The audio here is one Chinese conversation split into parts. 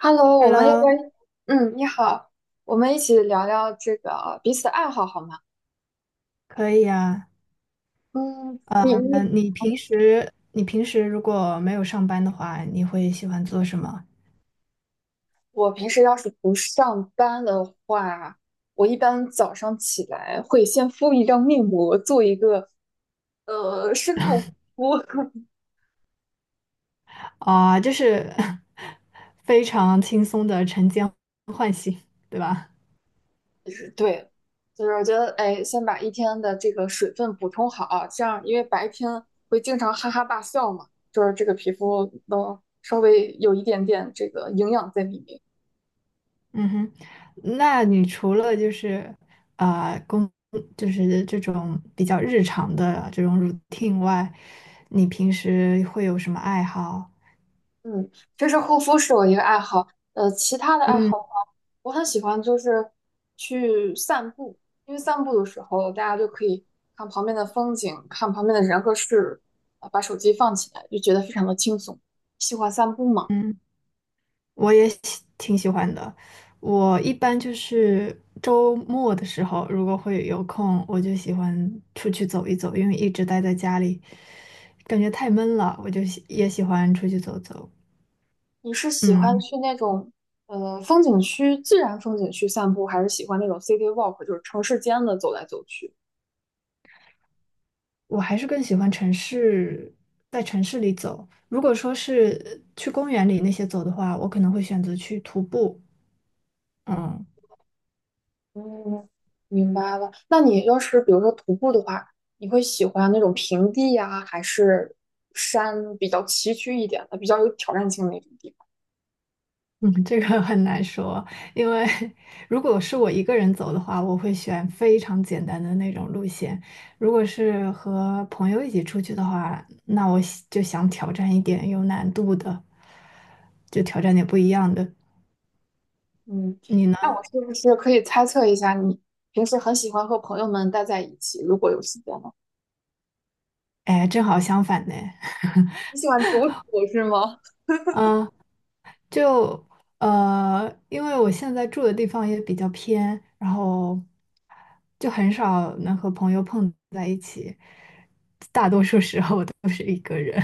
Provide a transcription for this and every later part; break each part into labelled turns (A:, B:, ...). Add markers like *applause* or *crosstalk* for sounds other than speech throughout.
A: Hello，我们要
B: Hello，
A: 不然，嗯，你好，我们一起聊聊这个彼此的爱好好吗？
B: 可以啊。
A: 嗯，
B: 呃，
A: 你
B: 那
A: 你，
B: 你平时如果没有上班的话，你会喜欢做什么？
A: 我平时要是不上班的话，我一般早上起来会先敷一张面膜，做一个深度呼。
B: 啊、就是 *laughs* 非常轻松的晨间唤醒，对吧？
A: *laughs* 对，就是我觉得，哎，先把一天的这个水分补充好啊，这样因为白天会经常哈哈大笑嘛，就是这个皮肤能稍微有一点点这个营养在里面。
B: 嗯哼，那你除了就是啊呃工，就是这种比较日常的这种 routine 外，你平时会有什么爱好？
A: 嗯，这是护肤是我一个爱好，其他的爱好的
B: 嗯
A: 话，我很喜欢就是去散步，因为散步的时候大家就可以看旁边的风景，看旁边的人和事，啊，把手机放起来，就觉得非常的轻松。喜欢散步吗？
B: 嗯。我挺喜欢的。我一般就是周末的时候，如果会有空，我就喜欢出去走一走，因为一直待在家里，感觉太闷了，我就喜欢出去走走。
A: 你是喜欢
B: 嗯，
A: 去那种风景区、自然风景区散步，还是喜欢那种 city walk，就是城市间的走来走去？
B: 我还是更喜欢城市，在城市里走。如果说是去公园里那些走的话，我可能会选择去徒步。嗯。
A: 嗯，明白了。那你要是比如说徒步的话，你会喜欢那种平地呀，还是山比较崎岖一点的，比较有挑战性的那种地方？
B: 嗯，这个很难说，因为 *laughs* 如果是我一个人走的话，我会选非常简单的那种路线；如果是和朋友一起出去的话，那我就想挑战一点有难度的，就挑战点不一样的。
A: 嗯，
B: 你
A: 那
B: 呢？
A: 我是不是可以猜测一下，你平时很喜欢和朋友们待在一起，如果有时间呢？
B: 哎，正好相反呢。
A: 你喜欢独处是吗？
B: 嗯，就因为我现在住的地方也比较偏，然后就很少能和朋友碰在一起，大多数时候都是一个人。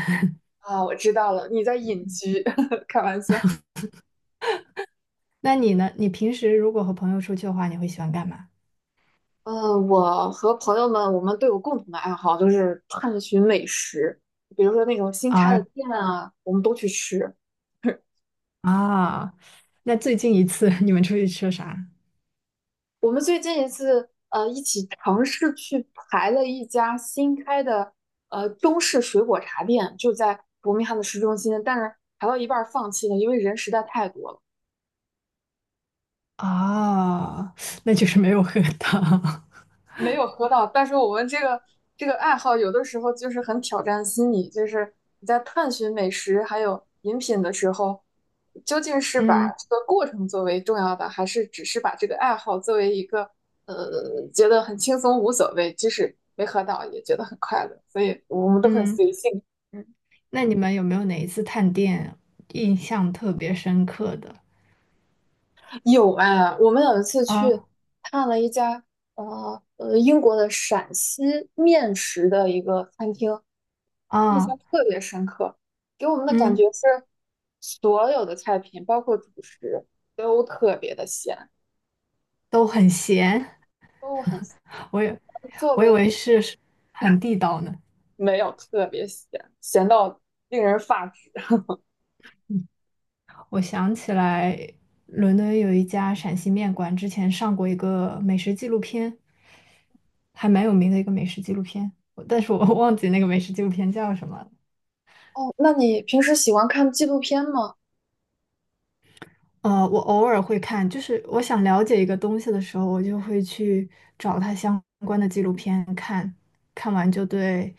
A: 啊，我知道了，你在隐居，*laughs* 开玩笑。
B: 那你呢？你平时如果和朋友出去的话，你会喜欢干嘛？
A: 嗯，我和朋友们，我们都有共同的爱好，就是探寻美食，比如说那种新开的
B: 啊
A: 店啊，我们都去吃。
B: 啊 *laughs*，那最近一次你们出去吃了啥？
A: 我们最近一次一起尝试去排了一家新开的中式水果茶店，就在伯明翰的市中心，但是排到一半儿放弃了，因为人实在太多了。
B: *laughs* 啊，那就是没有喝到。
A: 没有喝到，但是我们这个这个爱好有的时候就是很挑战心理，就是你在探寻美食还有饮品的时候，究竟
B: *laughs*
A: 是把
B: 嗯
A: 这个过程作为重要的，还是只是把这个爱好作为一个觉得很轻松无所谓，即使没喝到也觉得很快乐，所以我们都很
B: 嗯，
A: 随性。嗯，
B: 那你们有没有哪一次探店印象特别深刻的？
A: 有啊，我们有一次去
B: 啊
A: 看了一家英国的陕西面食的一个餐厅。印
B: 啊，
A: 象特别深刻，给我们的感
B: 嗯，
A: 觉是所有的菜品，包括主食，都特别的咸，
B: 都很咸，
A: 都很咸
B: *laughs* 我以
A: 作
B: 我以
A: 为
B: 为是很地道呢。
A: 没有特别咸，咸到令人发指。
B: 我想起来，伦敦有一家陕西面馆，之前上过一个美食纪录片，还蛮有名的一个美食纪录片，但是我 *laughs* 忘记那个美食纪录片叫什么了。
A: 哦，那你平时喜欢看纪录片吗？
B: 我偶尔会看，就是我想了解一个东西的时候，我就会去找它相关的纪录片看，看完就对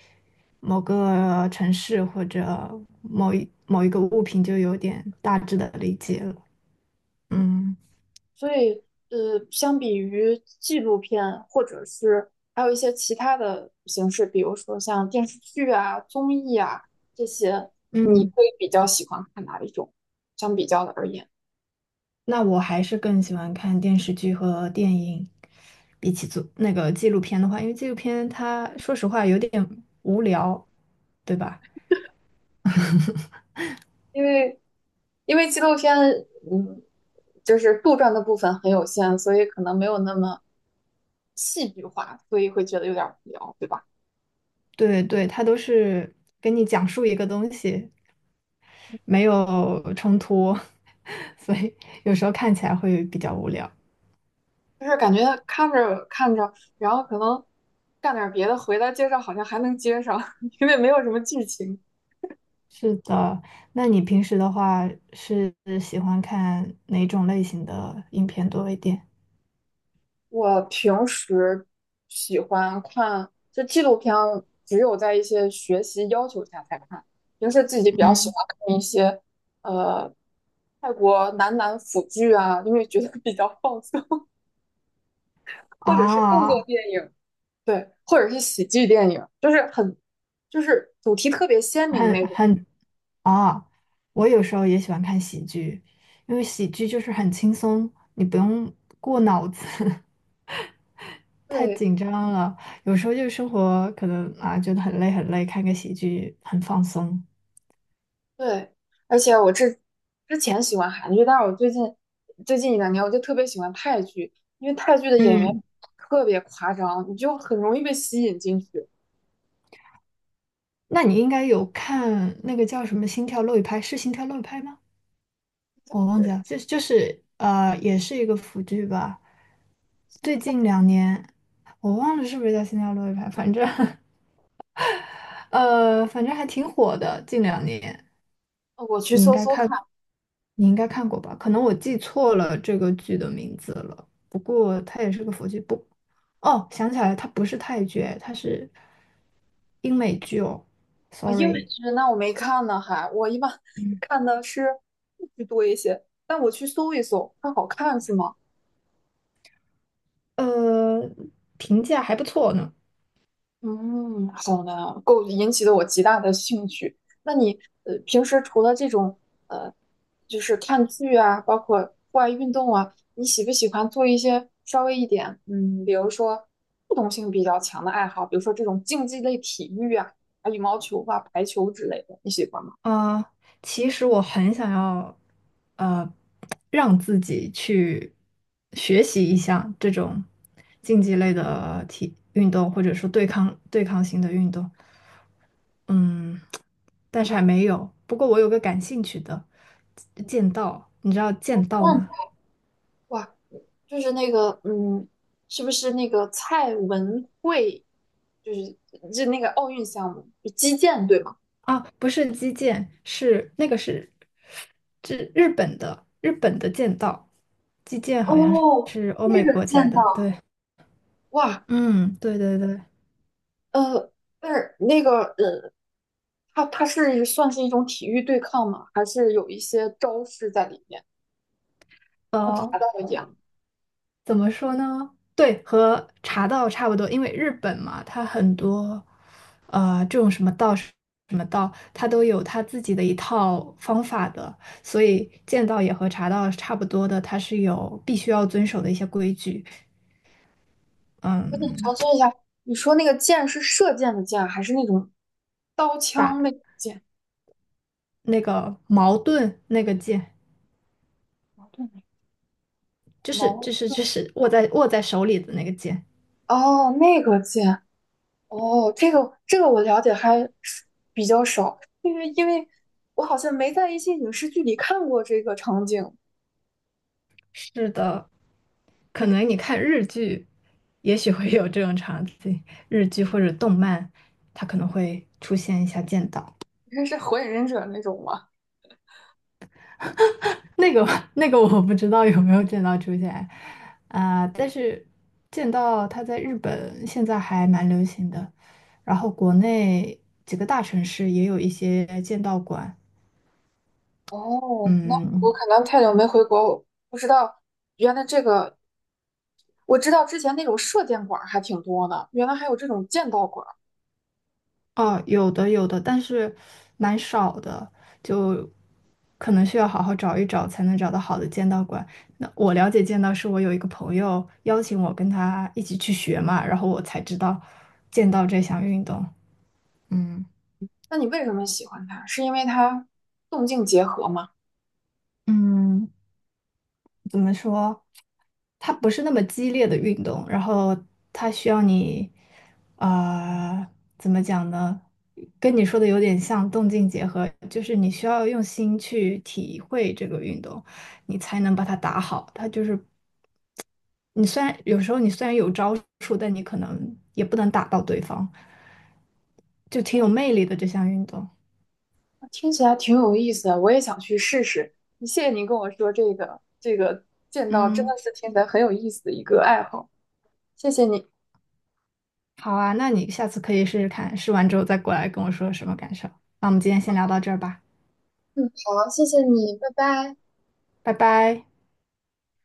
B: 某个城市或者某一个物品就有点大致的理解了。嗯。
A: 所以，呃，相比于纪录片，或者是还有一些其他的形式，比如说像电视剧啊、综艺啊这些，你
B: 嗯，
A: 会比较喜欢看哪一种？相比较的而言。
B: 那我还是更喜欢看电视剧和电影，比起做那个纪录片的话，因为纪录片它说实话有点无聊，对吧？
A: 因为因为纪录片，嗯，就是杜撰的部分很有限，所以可能没有那么戏剧化，所以会觉得有点无聊，对吧？
B: 对对，它都是给你讲述一个东西，没有冲突，*laughs* 所以有时候看起来会比较无聊。
A: 就是感觉看着看着，然后可能干点别的，回来接着好像还能接上，*laughs* 因为没有什么剧情。
B: 是的，那你平时的话是喜欢看哪种类型的影片多一点？
A: 我平时喜欢看，就纪录片，只有在一些学习要求下才看，平时自己比较喜
B: 嗯，
A: 欢看一些。呃。泰国男男腐剧啊，因为觉得比较放松，或者是动作
B: 啊，
A: 电影，对，或者是喜剧电影，就是很，就是主题特别鲜明
B: 很
A: 那种。
B: 很啊，我有时候也喜欢看喜剧，因为喜剧就是很轻松，你不用过脑子，*laughs* 太
A: 对
B: 紧张了。有时候就是生活可能啊觉得很累很累，看个喜剧很放松。
A: 对，而且之前喜欢韩剧，但是我最近最近一两年我就特别喜欢泰剧，因为泰剧的演员
B: 嗯，
A: 特别夸张，你就很容易被吸引进去。
B: 那你应该有看那个叫什么《心跳漏一拍》，是《心跳漏一拍》吗？我忘
A: 对，
B: 记了，就是也是一个腐剧吧。最近
A: *laughs*
B: 两年，我忘了是不是叫《心跳漏一拍》，反正 *laughs* 反正还挺火的，近两年。
A: 我去
B: 你应
A: 搜
B: 该
A: 搜
B: 看，
A: 看。
B: 你应该看过吧？可能我记错了这个剧的名字了。不过它也是个佛剧，不，哦，想起来了它不是泰剧，它是英美剧哦。
A: 啊，英美
B: Sorry，
A: 剧那我没看呢，还我一般 *laughs*
B: 嗯，
A: 看的是日剧多一些，但我去搜一搜，它好看是吗？
B: 呃，评价还不错呢。
A: 嗯，好呢，够引起了我极大的兴趣。那你平时除了这种呃，就是看剧啊，包括户外运动啊，你喜不喜欢做一些稍微一点嗯，比如说互动性比较强的爱好，比如说这种竞技类体育啊，啊羽毛球啊、排球之类的，你喜欢吗？
B: 啊、呃其实我很想要，呃，让自己去学习一下这种竞技类的体运动，或者说对抗性的运动。嗯，但是还没有。不过我有个感兴趣的剑道，你知道剑道
A: 嗯。
B: 吗？
A: 哇，就是那个，嗯，是不是那个蔡文慧，就是就那个奥运项目，就击剑对吗？
B: 啊，不是击剑，是这日本的剑道，击剑好像
A: 哦，
B: 是欧
A: 那
B: 美
A: 个
B: 国家
A: 剑
B: 的。
A: 道。
B: 对，
A: 哇，
B: 嗯，对对对，
A: 呃，但是那个，呃，它是算是一种体育对抗吗？还是有一些招式在里面？我查
B: 哦，
A: 到了一样，
B: 怎么说呢？对，和茶道差不多，因为日本嘛，它很多，这种什么道什么道，它都有它自己的一套方法的，所以剑道也和茶道是差不多的，它是有必须要遵守的一些规矩。
A: 我想
B: 嗯，
A: 查询一下，你说那个剑是射箭的箭，还是那种刀
B: 打
A: 枪那种剑？
B: 那个矛盾那个剑，
A: 矛盾矛
B: 就是握在手里的那个剑。
A: 哦，那个剑。哦，这个这个我了解还是比较少，因为我好像没在一些影视剧里看过这个场景。
B: 是的，可能你看日剧，也许会有这种场景，日剧或者动漫，它可能会出现一下剑道。
A: 应该是火影忍者那种吗？
B: 那个 *laughs* 那个我不知道有没有剑道出现啊，但是剑道它在日本现在还蛮流行的，然后国内几个大城市也有一些剑道馆，
A: 哦，那
B: 嗯，
A: 我可能太久没回国，我不知道原来这个，我知道之前那种射箭馆儿还挺多的，原来还有这种剑道馆儿。
B: 哦，有的有的，但是蛮少的，就可能需要好好找一找才能找到好的剑道馆。那我了解剑道是我有一个朋友邀请我跟他一起去学嘛，然后我才知道剑道这项运动。嗯
A: 那你为什么喜欢它？是因为它动静结合吗？
B: 嗯，怎么说？它不是那么激烈的运动，然后它需要你，啊、怎么讲呢？跟你说的有点像动静结合，就是你需要用心去体会这个运动，你才能把它打好。它就是你虽然有招数，但你可能也不能打到对方，就挺有魅力的这项运动。
A: 听起来挺有意思的，我也想去试试。谢谢您跟我说这个，这个剑道真
B: 嗯，
A: 的是听起来很有意思的一个爱好，谢谢你。
B: 好啊，那你下次可以试试看，试完之后再过来跟我说什么感受。那我们今天先聊到这儿吧，
A: 嗯，好，谢谢你，拜拜。
B: 拜拜。